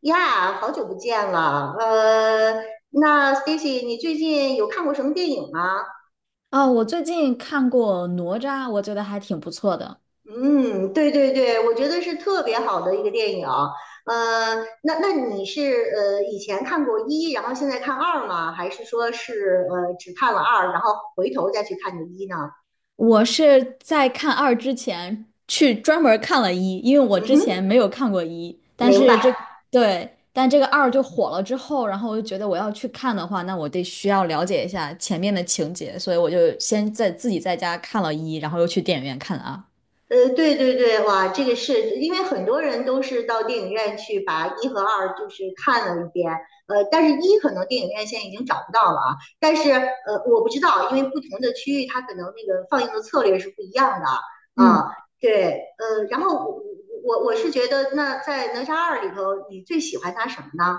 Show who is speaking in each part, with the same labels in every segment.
Speaker 1: 呀，好久不见了。那 Stacy，你最近有看过什么电影吗？
Speaker 2: 哦，我最近看过《哪吒》，我觉得还挺不错的。
Speaker 1: 嗯，对对对，我觉得是特别好的一个电影。呃，那你是以前看过一，然后现在看二吗？还是说是只看了二，然后回头再去看的一呢？
Speaker 2: 我是在看二之前去专门儿看了一，因为我
Speaker 1: 嗯
Speaker 2: 之前
Speaker 1: 哼，
Speaker 2: 没有看过一，但
Speaker 1: 明
Speaker 2: 是这，
Speaker 1: 白。
Speaker 2: 对，但这个二就火了之后，然后我就觉得我要去看的话，那我得需要了解一下前面的情节，所以我就先在自己在家看了一，然后又去电影院看了二。
Speaker 1: 对对对，哇，这个是因为很多人都是到电影院去把一和二就是看了一遍，但是一可能电影院现在已经找不到了啊，但是我不知道，因为不同的区域它可能那个放映的策略是不一样的啊。
Speaker 2: 嗯。
Speaker 1: 对，然后我是觉得那在哪吒二里头，你最喜欢它什么呢？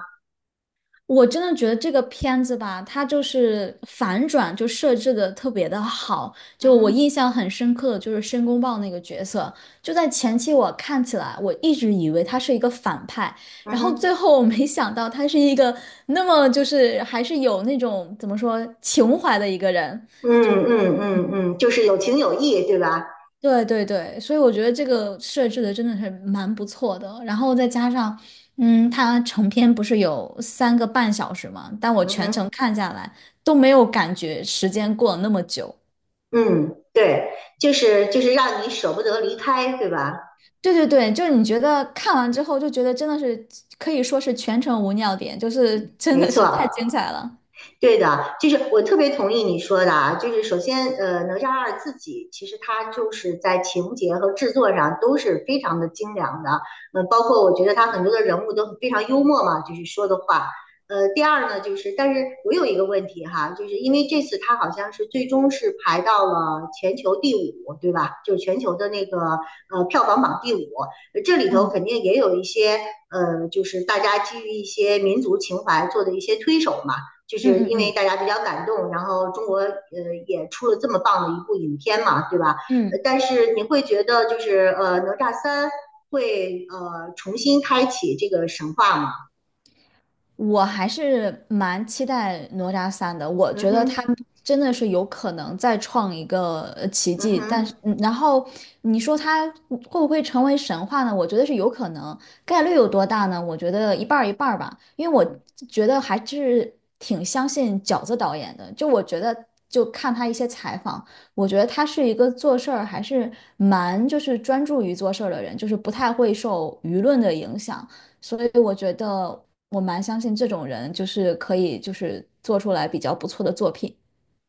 Speaker 2: 我真的觉得这个片子吧，它就是反转就设置的特别的好。
Speaker 1: 嗯
Speaker 2: 就我印
Speaker 1: 哼，
Speaker 2: 象很深刻的就是申公豹那个角色，就在前期我看起来我一直以为他是一个反派，
Speaker 1: 嗯
Speaker 2: 然后最
Speaker 1: 哼，
Speaker 2: 后我没想到他是一个那么就是还是有那种怎么说情怀的一个人。
Speaker 1: 嗯嗯嗯嗯，就是有情有义，对吧？
Speaker 2: 对对对，所以我觉得这个设置的真的是蛮不错的。然后再加上，它成片不是有3个半小时嘛，但我
Speaker 1: 嗯
Speaker 2: 全程
Speaker 1: 哼。
Speaker 2: 看下来都没有感觉时间过了那么久。
Speaker 1: 嗯，对，就是就是让你舍不得离开，对吧？
Speaker 2: 对对对，就是你觉得看完之后就觉得真的是可以说是全程无尿点，就是真
Speaker 1: 没
Speaker 2: 的
Speaker 1: 错，
Speaker 2: 是太精彩了。
Speaker 1: 对的，就是我特别同意你说的啊。就是首先，哪吒二自己其实它就是在情节和制作上都是非常的精良的，包括我觉得它很多的人物都非常幽默嘛，就是说的话。第二呢，就是但是我有一个问题哈，就是因为这次它好像是最终是排到了全球第五，对吧？就是全球的那个票房榜第五，这里头
Speaker 2: 嗯
Speaker 1: 肯定也有一些，就是大家基于一些民族情怀做的一些推手嘛。就
Speaker 2: 嗯
Speaker 1: 是
Speaker 2: 嗯
Speaker 1: 因为
Speaker 2: 嗯。
Speaker 1: 大家比较感动，然后中国也出了这么棒的一部影片嘛，对吧？
Speaker 2: 嗯。
Speaker 1: 但是你会觉得就是哪吒三会重新开启这个神话吗？
Speaker 2: 我还是蛮期待哪吒三的，我
Speaker 1: 嗯
Speaker 2: 觉得他
Speaker 1: 哼，
Speaker 2: 真的是有可能再创一个奇
Speaker 1: 嗯
Speaker 2: 迹，但是，
Speaker 1: 哼。
Speaker 2: 然后你说他会不会成为神话呢？我觉得是有可能，概率有多大呢？我觉得一半儿一半儿吧，因为我觉得还是挺相信饺子导演的，就我觉得。就看他一些采访，我觉得他是一个做事儿还是蛮就是专注于做事儿的人，就是不太会受舆论的影响。所以我觉得我蛮相信这种人，就是可以就是做出来比较不错的作品。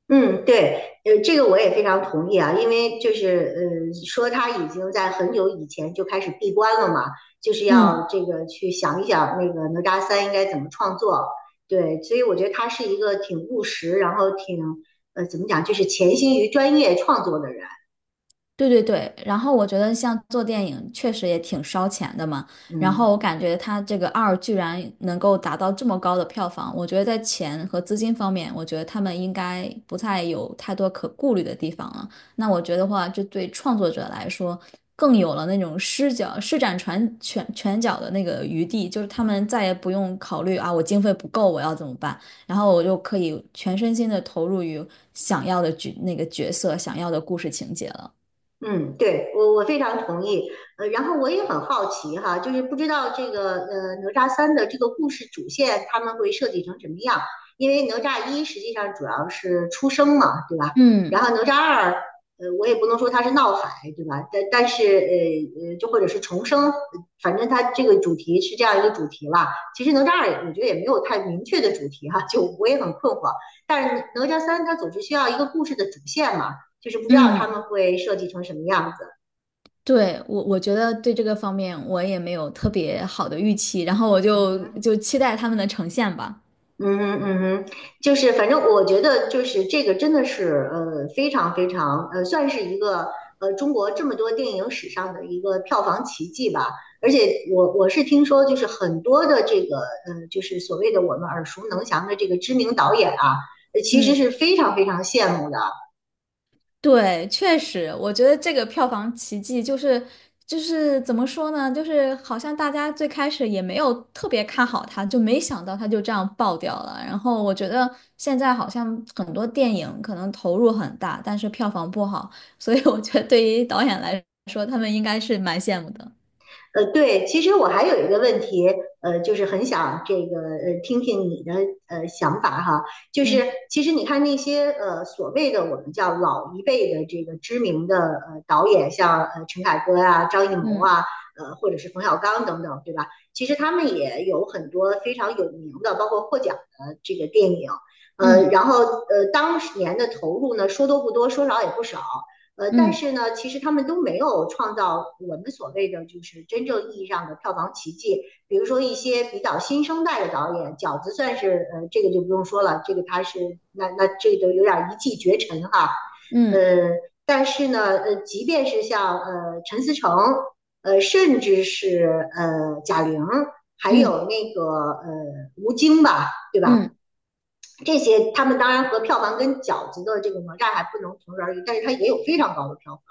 Speaker 1: 嗯，对，这个我也非常同意啊。因为就是，说他已经在很久以前就开始闭关了嘛，就是
Speaker 2: 嗯。
Speaker 1: 要这个去想一想那个哪吒三应该怎么创作。对，所以我觉得他是一个挺务实，然后挺怎么讲，就是潜心于专业创作的人。
Speaker 2: 对对对，然后我觉得像做电影确实也挺烧钱的嘛，然
Speaker 1: 嗯。
Speaker 2: 后我感觉它这个二居然能够达到这么高的票房，我觉得在钱和资金方面，我觉得他们应该不太有太多可顾虑的地方了。那我觉得话，这对创作者来说更有了那种施展拳脚的那个余地，就是他们再也不用考虑啊，我经费不够，我要怎么办？然后我就可以全身心的投入于想要的那个角色、想要的故事情节了。
Speaker 1: 嗯，对，我我非常同意。然后我也很好奇哈，就是不知道这个哪吒三的这个故事主线他们会设计成什么样？因为哪吒一实际上主要是出生嘛，对吧？然
Speaker 2: 嗯
Speaker 1: 后哪吒二，我也不能说它是闹海，对吧？但是，就或者是重生。反正它这个主题是这样一个主题吧。其实哪吒二我觉得也没有太明确的主题哈，就我也很困惑。但是哪吒三它总是需要一个故事的主线嘛。就是不知道他
Speaker 2: 嗯，
Speaker 1: 们会设计成什么样子。
Speaker 2: 对，我我觉得对这个方面我也没有特别好的预期，然后我
Speaker 1: 嗯
Speaker 2: 就
Speaker 1: 哼，
Speaker 2: 就期待他们的呈现吧。
Speaker 1: 嗯哼，嗯哼，就是反正我觉得就是这个真的是非常非常算是一个中国这么多电影史上的一个票房奇迹吧。而且我我是听说就是很多的这个就是所谓的我们耳熟能详的这个知名导演啊，其实
Speaker 2: 嗯，
Speaker 1: 是非常非常羡慕的。
Speaker 2: 对，确实，我觉得这个票房奇迹就是怎么说呢，就是好像大家最开始也没有特别看好它，就没想到它就这样爆掉了。然后我觉得现在好像很多电影可能投入很大，但是票房不好，所以我觉得对于导演来说，他们应该是蛮羡慕的。
Speaker 1: 对，其实我还有一个问题，就是很想这个听听你的想法哈。就是
Speaker 2: 嗯
Speaker 1: 其实你看那些所谓的我们叫老一辈的这个知名的导演，像陈凯歌啊、张艺谋
Speaker 2: 嗯
Speaker 1: 啊，或者是冯小刚等等，对吧？其实他们也有很多非常有名的，包括获奖的这个电影，
Speaker 2: 嗯。
Speaker 1: 然后当年的投入呢，说多不多，说少也不少。但
Speaker 2: 嗯
Speaker 1: 是呢，其实他们都没有创造我们所谓的就是真正意义上的票房奇迹。比如说一些比较新生代的导演，饺子算是，这个就不用说了，这个他是那这个有点一骑绝尘哈。
Speaker 2: 嗯
Speaker 1: 呃，但是呢，即便是像陈思诚，甚至是贾玲，还
Speaker 2: 嗯
Speaker 1: 有那个吴京吧，对吧？
Speaker 2: 嗯，
Speaker 1: 这些他们当然和票房跟饺子的这个哪吒还不能同日而语，但是它也有非常高的票。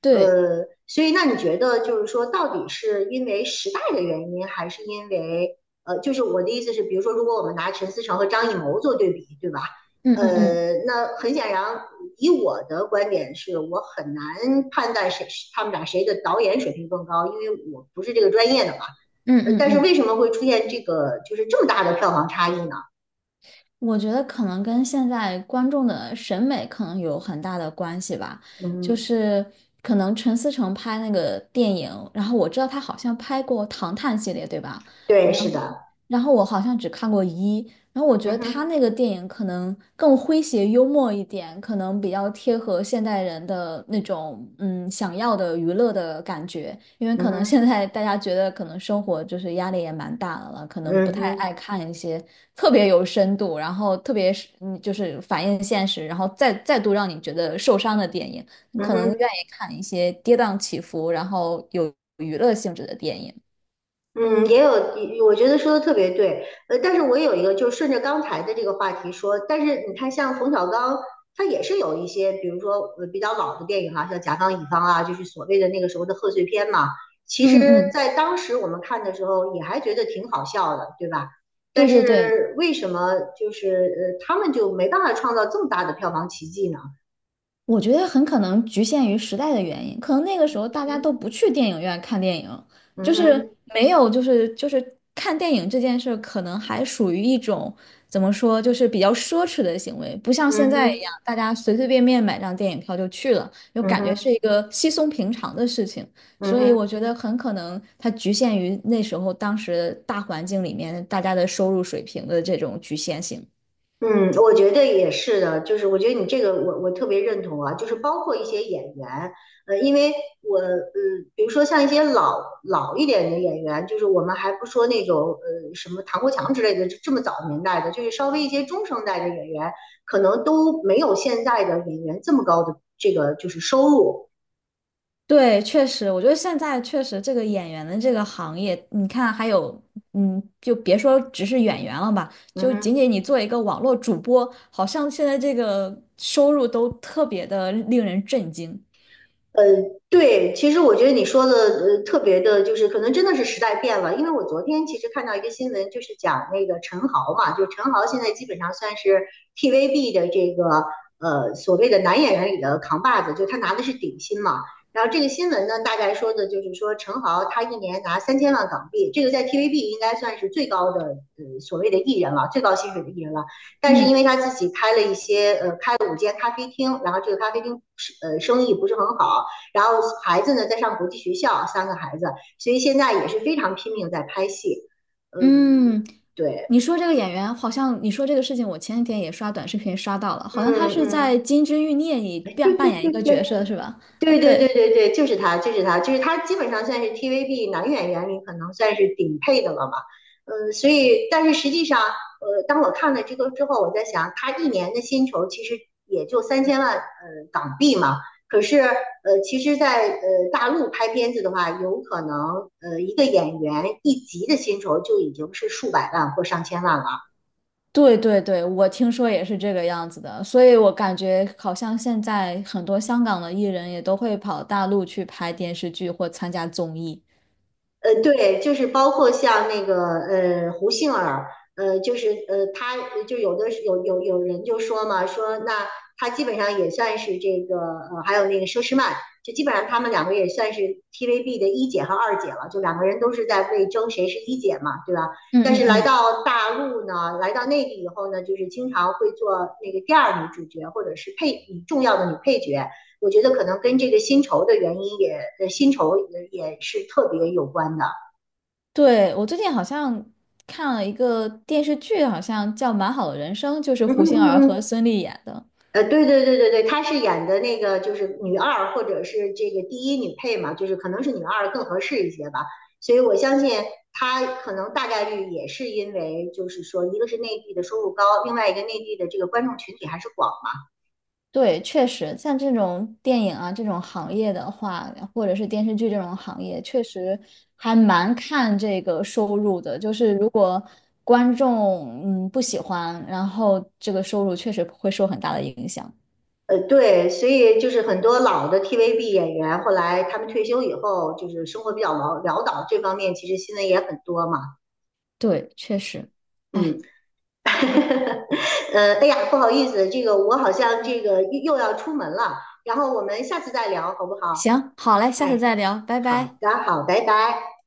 Speaker 2: 对，
Speaker 1: 所以那你觉得就是说，到底是因为时代的原因，还是因为，就是我的意思是，比如说，如果我们拿陈思诚和张艺谋做对比，对吧？
Speaker 2: 嗯嗯嗯
Speaker 1: 那很显然，以我的观点是，我很难判断谁是他们俩谁的导演水平更高，因为我不是这个专业的嘛。
Speaker 2: 嗯嗯
Speaker 1: 但是为
Speaker 2: 嗯，
Speaker 1: 什么会出现这个就是这么大的票房差异呢？
Speaker 2: 我觉得可能跟现在观众的审美可能有很大的关系吧。就
Speaker 1: 嗯，
Speaker 2: 是可能陈思诚拍那个电影，然后我知道他好像拍过《唐探》系列，对吧？
Speaker 1: 对，
Speaker 2: 然后
Speaker 1: 是的，
Speaker 2: 然后我好像只看过一，然后我觉得
Speaker 1: 嗯
Speaker 2: 他
Speaker 1: 哼，
Speaker 2: 那个电影可能更诙谐幽默一点，可能比较贴合现代人的那种想要的娱乐的感觉，因为
Speaker 1: 嗯
Speaker 2: 可能
Speaker 1: 哼，
Speaker 2: 现在大家觉得可能生活就是压力也蛮大的了，可能不
Speaker 1: 嗯
Speaker 2: 太
Speaker 1: 哼，
Speaker 2: 爱看一些特别有深度，然后特别是就是反映现实，然后再度让你觉得受伤的电影，你
Speaker 1: 嗯
Speaker 2: 可能
Speaker 1: 哼。
Speaker 2: 愿意看一些跌宕起伏，然后有娱乐性质的电影。
Speaker 1: 嗯，也有，我觉得说的特别对。但是我有一个，就顺着刚才的这个话题说，但是你看，像冯小刚，他也是有一些，比如说比较老的电影哈、像《甲方乙方》啊，就是所谓的那个时候的贺岁片嘛。其
Speaker 2: 嗯
Speaker 1: 实，
Speaker 2: 嗯，
Speaker 1: 在当时我们看的时候，也还觉得挺好笑的，对吧？但
Speaker 2: 对对对，
Speaker 1: 是为什么就是他们就没办法创造这么大的票房奇迹呢？
Speaker 2: 我觉得很可能局限于时代的原因，可能那个时候大家都不去电影院看电影，
Speaker 1: 嗯
Speaker 2: 就是
Speaker 1: 哼，
Speaker 2: 没有，就是看电影这件事，可能还属于一种怎么说，就是比较奢侈的行为，不像现
Speaker 1: 嗯
Speaker 2: 在一
Speaker 1: 哼，
Speaker 2: 样，大家随随便便买张电影票就去了，就
Speaker 1: 嗯哼，
Speaker 2: 感觉
Speaker 1: 嗯
Speaker 2: 是
Speaker 1: 哼，
Speaker 2: 一个稀松平常的事情。
Speaker 1: 嗯
Speaker 2: 所以
Speaker 1: 哼。
Speaker 2: 我觉得很可能它局限于那时候当时大环境里面大家的收入水平的这种局限性。
Speaker 1: 嗯，我觉得也是的，就是我觉得你这个我我特别认同啊，就是包括一些演员，因为我,比如说像一些老一点的演员，就是我们还不说那种什么唐国强之类的这么早年代的，就是稍微一些中生代的演员，可能都没有现在的演员这么高的这个就是收入。
Speaker 2: 对，确实，我觉得现在确实这个演员的这个行业，你看还有，就别说只是演员了吧，
Speaker 1: 嗯
Speaker 2: 就仅
Speaker 1: 哼。
Speaker 2: 仅你做一个网络主播，好像现在这个收入都特别的令人震惊。
Speaker 1: 呃，对，其实我觉得你说的特别的，就是可能真的是时代变了。因为我昨天其实看到一个新闻，就是讲那个陈豪嘛，就陈豪现在基本上算是 TVB 的这个所谓的男演员里的扛把子，就他拿的是顶薪嘛。然后这个新闻呢，大概说的就是说陈豪他一年拿3000万港币，这个在 TVB 应该算是最高的所谓的艺人了，最高薪水的艺人了。但是
Speaker 2: 嗯
Speaker 1: 因为他自己开了一些开了5间咖啡厅，然后这个咖啡厅是生意不是很好。然后孩子呢在上国际学校，3个孩子，所以现在也是非常拼命在拍戏。嗯，
Speaker 2: 嗯，
Speaker 1: 对，
Speaker 2: 你说这个演员，好像你说这个事情，我前几天也刷短视频刷到了，
Speaker 1: 嗯
Speaker 2: 好像他是在
Speaker 1: 嗯，
Speaker 2: 《金枝欲孽》里
Speaker 1: 哎，
Speaker 2: 扮
Speaker 1: 对
Speaker 2: 扮
Speaker 1: 对
Speaker 2: 演一
Speaker 1: 对
Speaker 2: 个
Speaker 1: 对，
Speaker 2: 角色，是吧？啊，
Speaker 1: 对对对
Speaker 2: 对。
Speaker 1: 对对，就是他，就是他，就是他，基本上算是 TVB 男演员里可能算是顶配的了嘛。嗯，所以，但是实际上，当我看了这个之后，我在想，他一年的薪酬其实也就三千万，港币嘛。可是，其实在，大陆拍片子的话，有可能，一个演员一集的薪酬就已经是数百万或上千万了。
Speaker 2: 对对对，我听说也是这个样子的，所以我感觉好像现在很多香港的艺人也都会跑大陆去拍电视剧或参加综艺。
Speaker 1: 对，就是包括像那个胡杏儿，就是她就有的有有有人就说嘛，说那她基本上也算是这个，还有那个佘诗曼，就基本上他们两个也算是 TVB 的一姐和二姐了，就两个人都是在为争谁是一姐嘛，对吧？
Speaker 2: 嗯
Speaker 1: 但是
Speaker 2: 嗯
Speaker 1: 来
Speaker 2: 嗯，
Speaker 1: 到大陆呢，来到内地以后呢，就是经常会做那个第二女主角或者是配重要的女配角，我觉得可能跟这个薪酬的原因，薪酬也也是特别有关的。
Speaker 2: 对，我最近好像看了一个电视剧，好像叫《蛮好的人生》，就是
Speaker 1: 嗯
Speaker 2: 胡杏
Speaker 1: 嗯
Speaker 2: 儿
Speaker 1: 嗯
Speaker 2: 和
Speaker 1: 嗯，
Speaker 2: 孙俪演的。
Speaker 1: 对对对对对，她是演的那个就是女二或者是这个第一女配嘛，就是可能是女二更合适一些吧。所以我相信她可能大概率也是因为，就是说，一个是内地的收入高，另外一个内地的这个观众群体还是广嘛。
Speaker 2: 对，确实，像这种电影啊这种行业的话，或者是电视剧这种行业，确实还蛮看这个收入的。就是如果观众不喜欢，然后这个收入确实会受很大的影响。
Speaker 1: 对，所以就是很多老的 TVB 演员后来他们退休以后，就是生活比较潦倒，这方面其实新闻也很多嘛。
Speaker 2: 对，确实。哎，
Speaker 1: 嗯。 哎呀，不好意思，这个我好像这个又要出门了，然后我们下次再聊好不好？
Speaker 2: 行，好嘞，下次
Speaker 1: 哎，
Speaker 2: 再聊，拜
Speaker 1: 好
Speaker 2: 拜。
Speaker 1: 的，好，拜拜。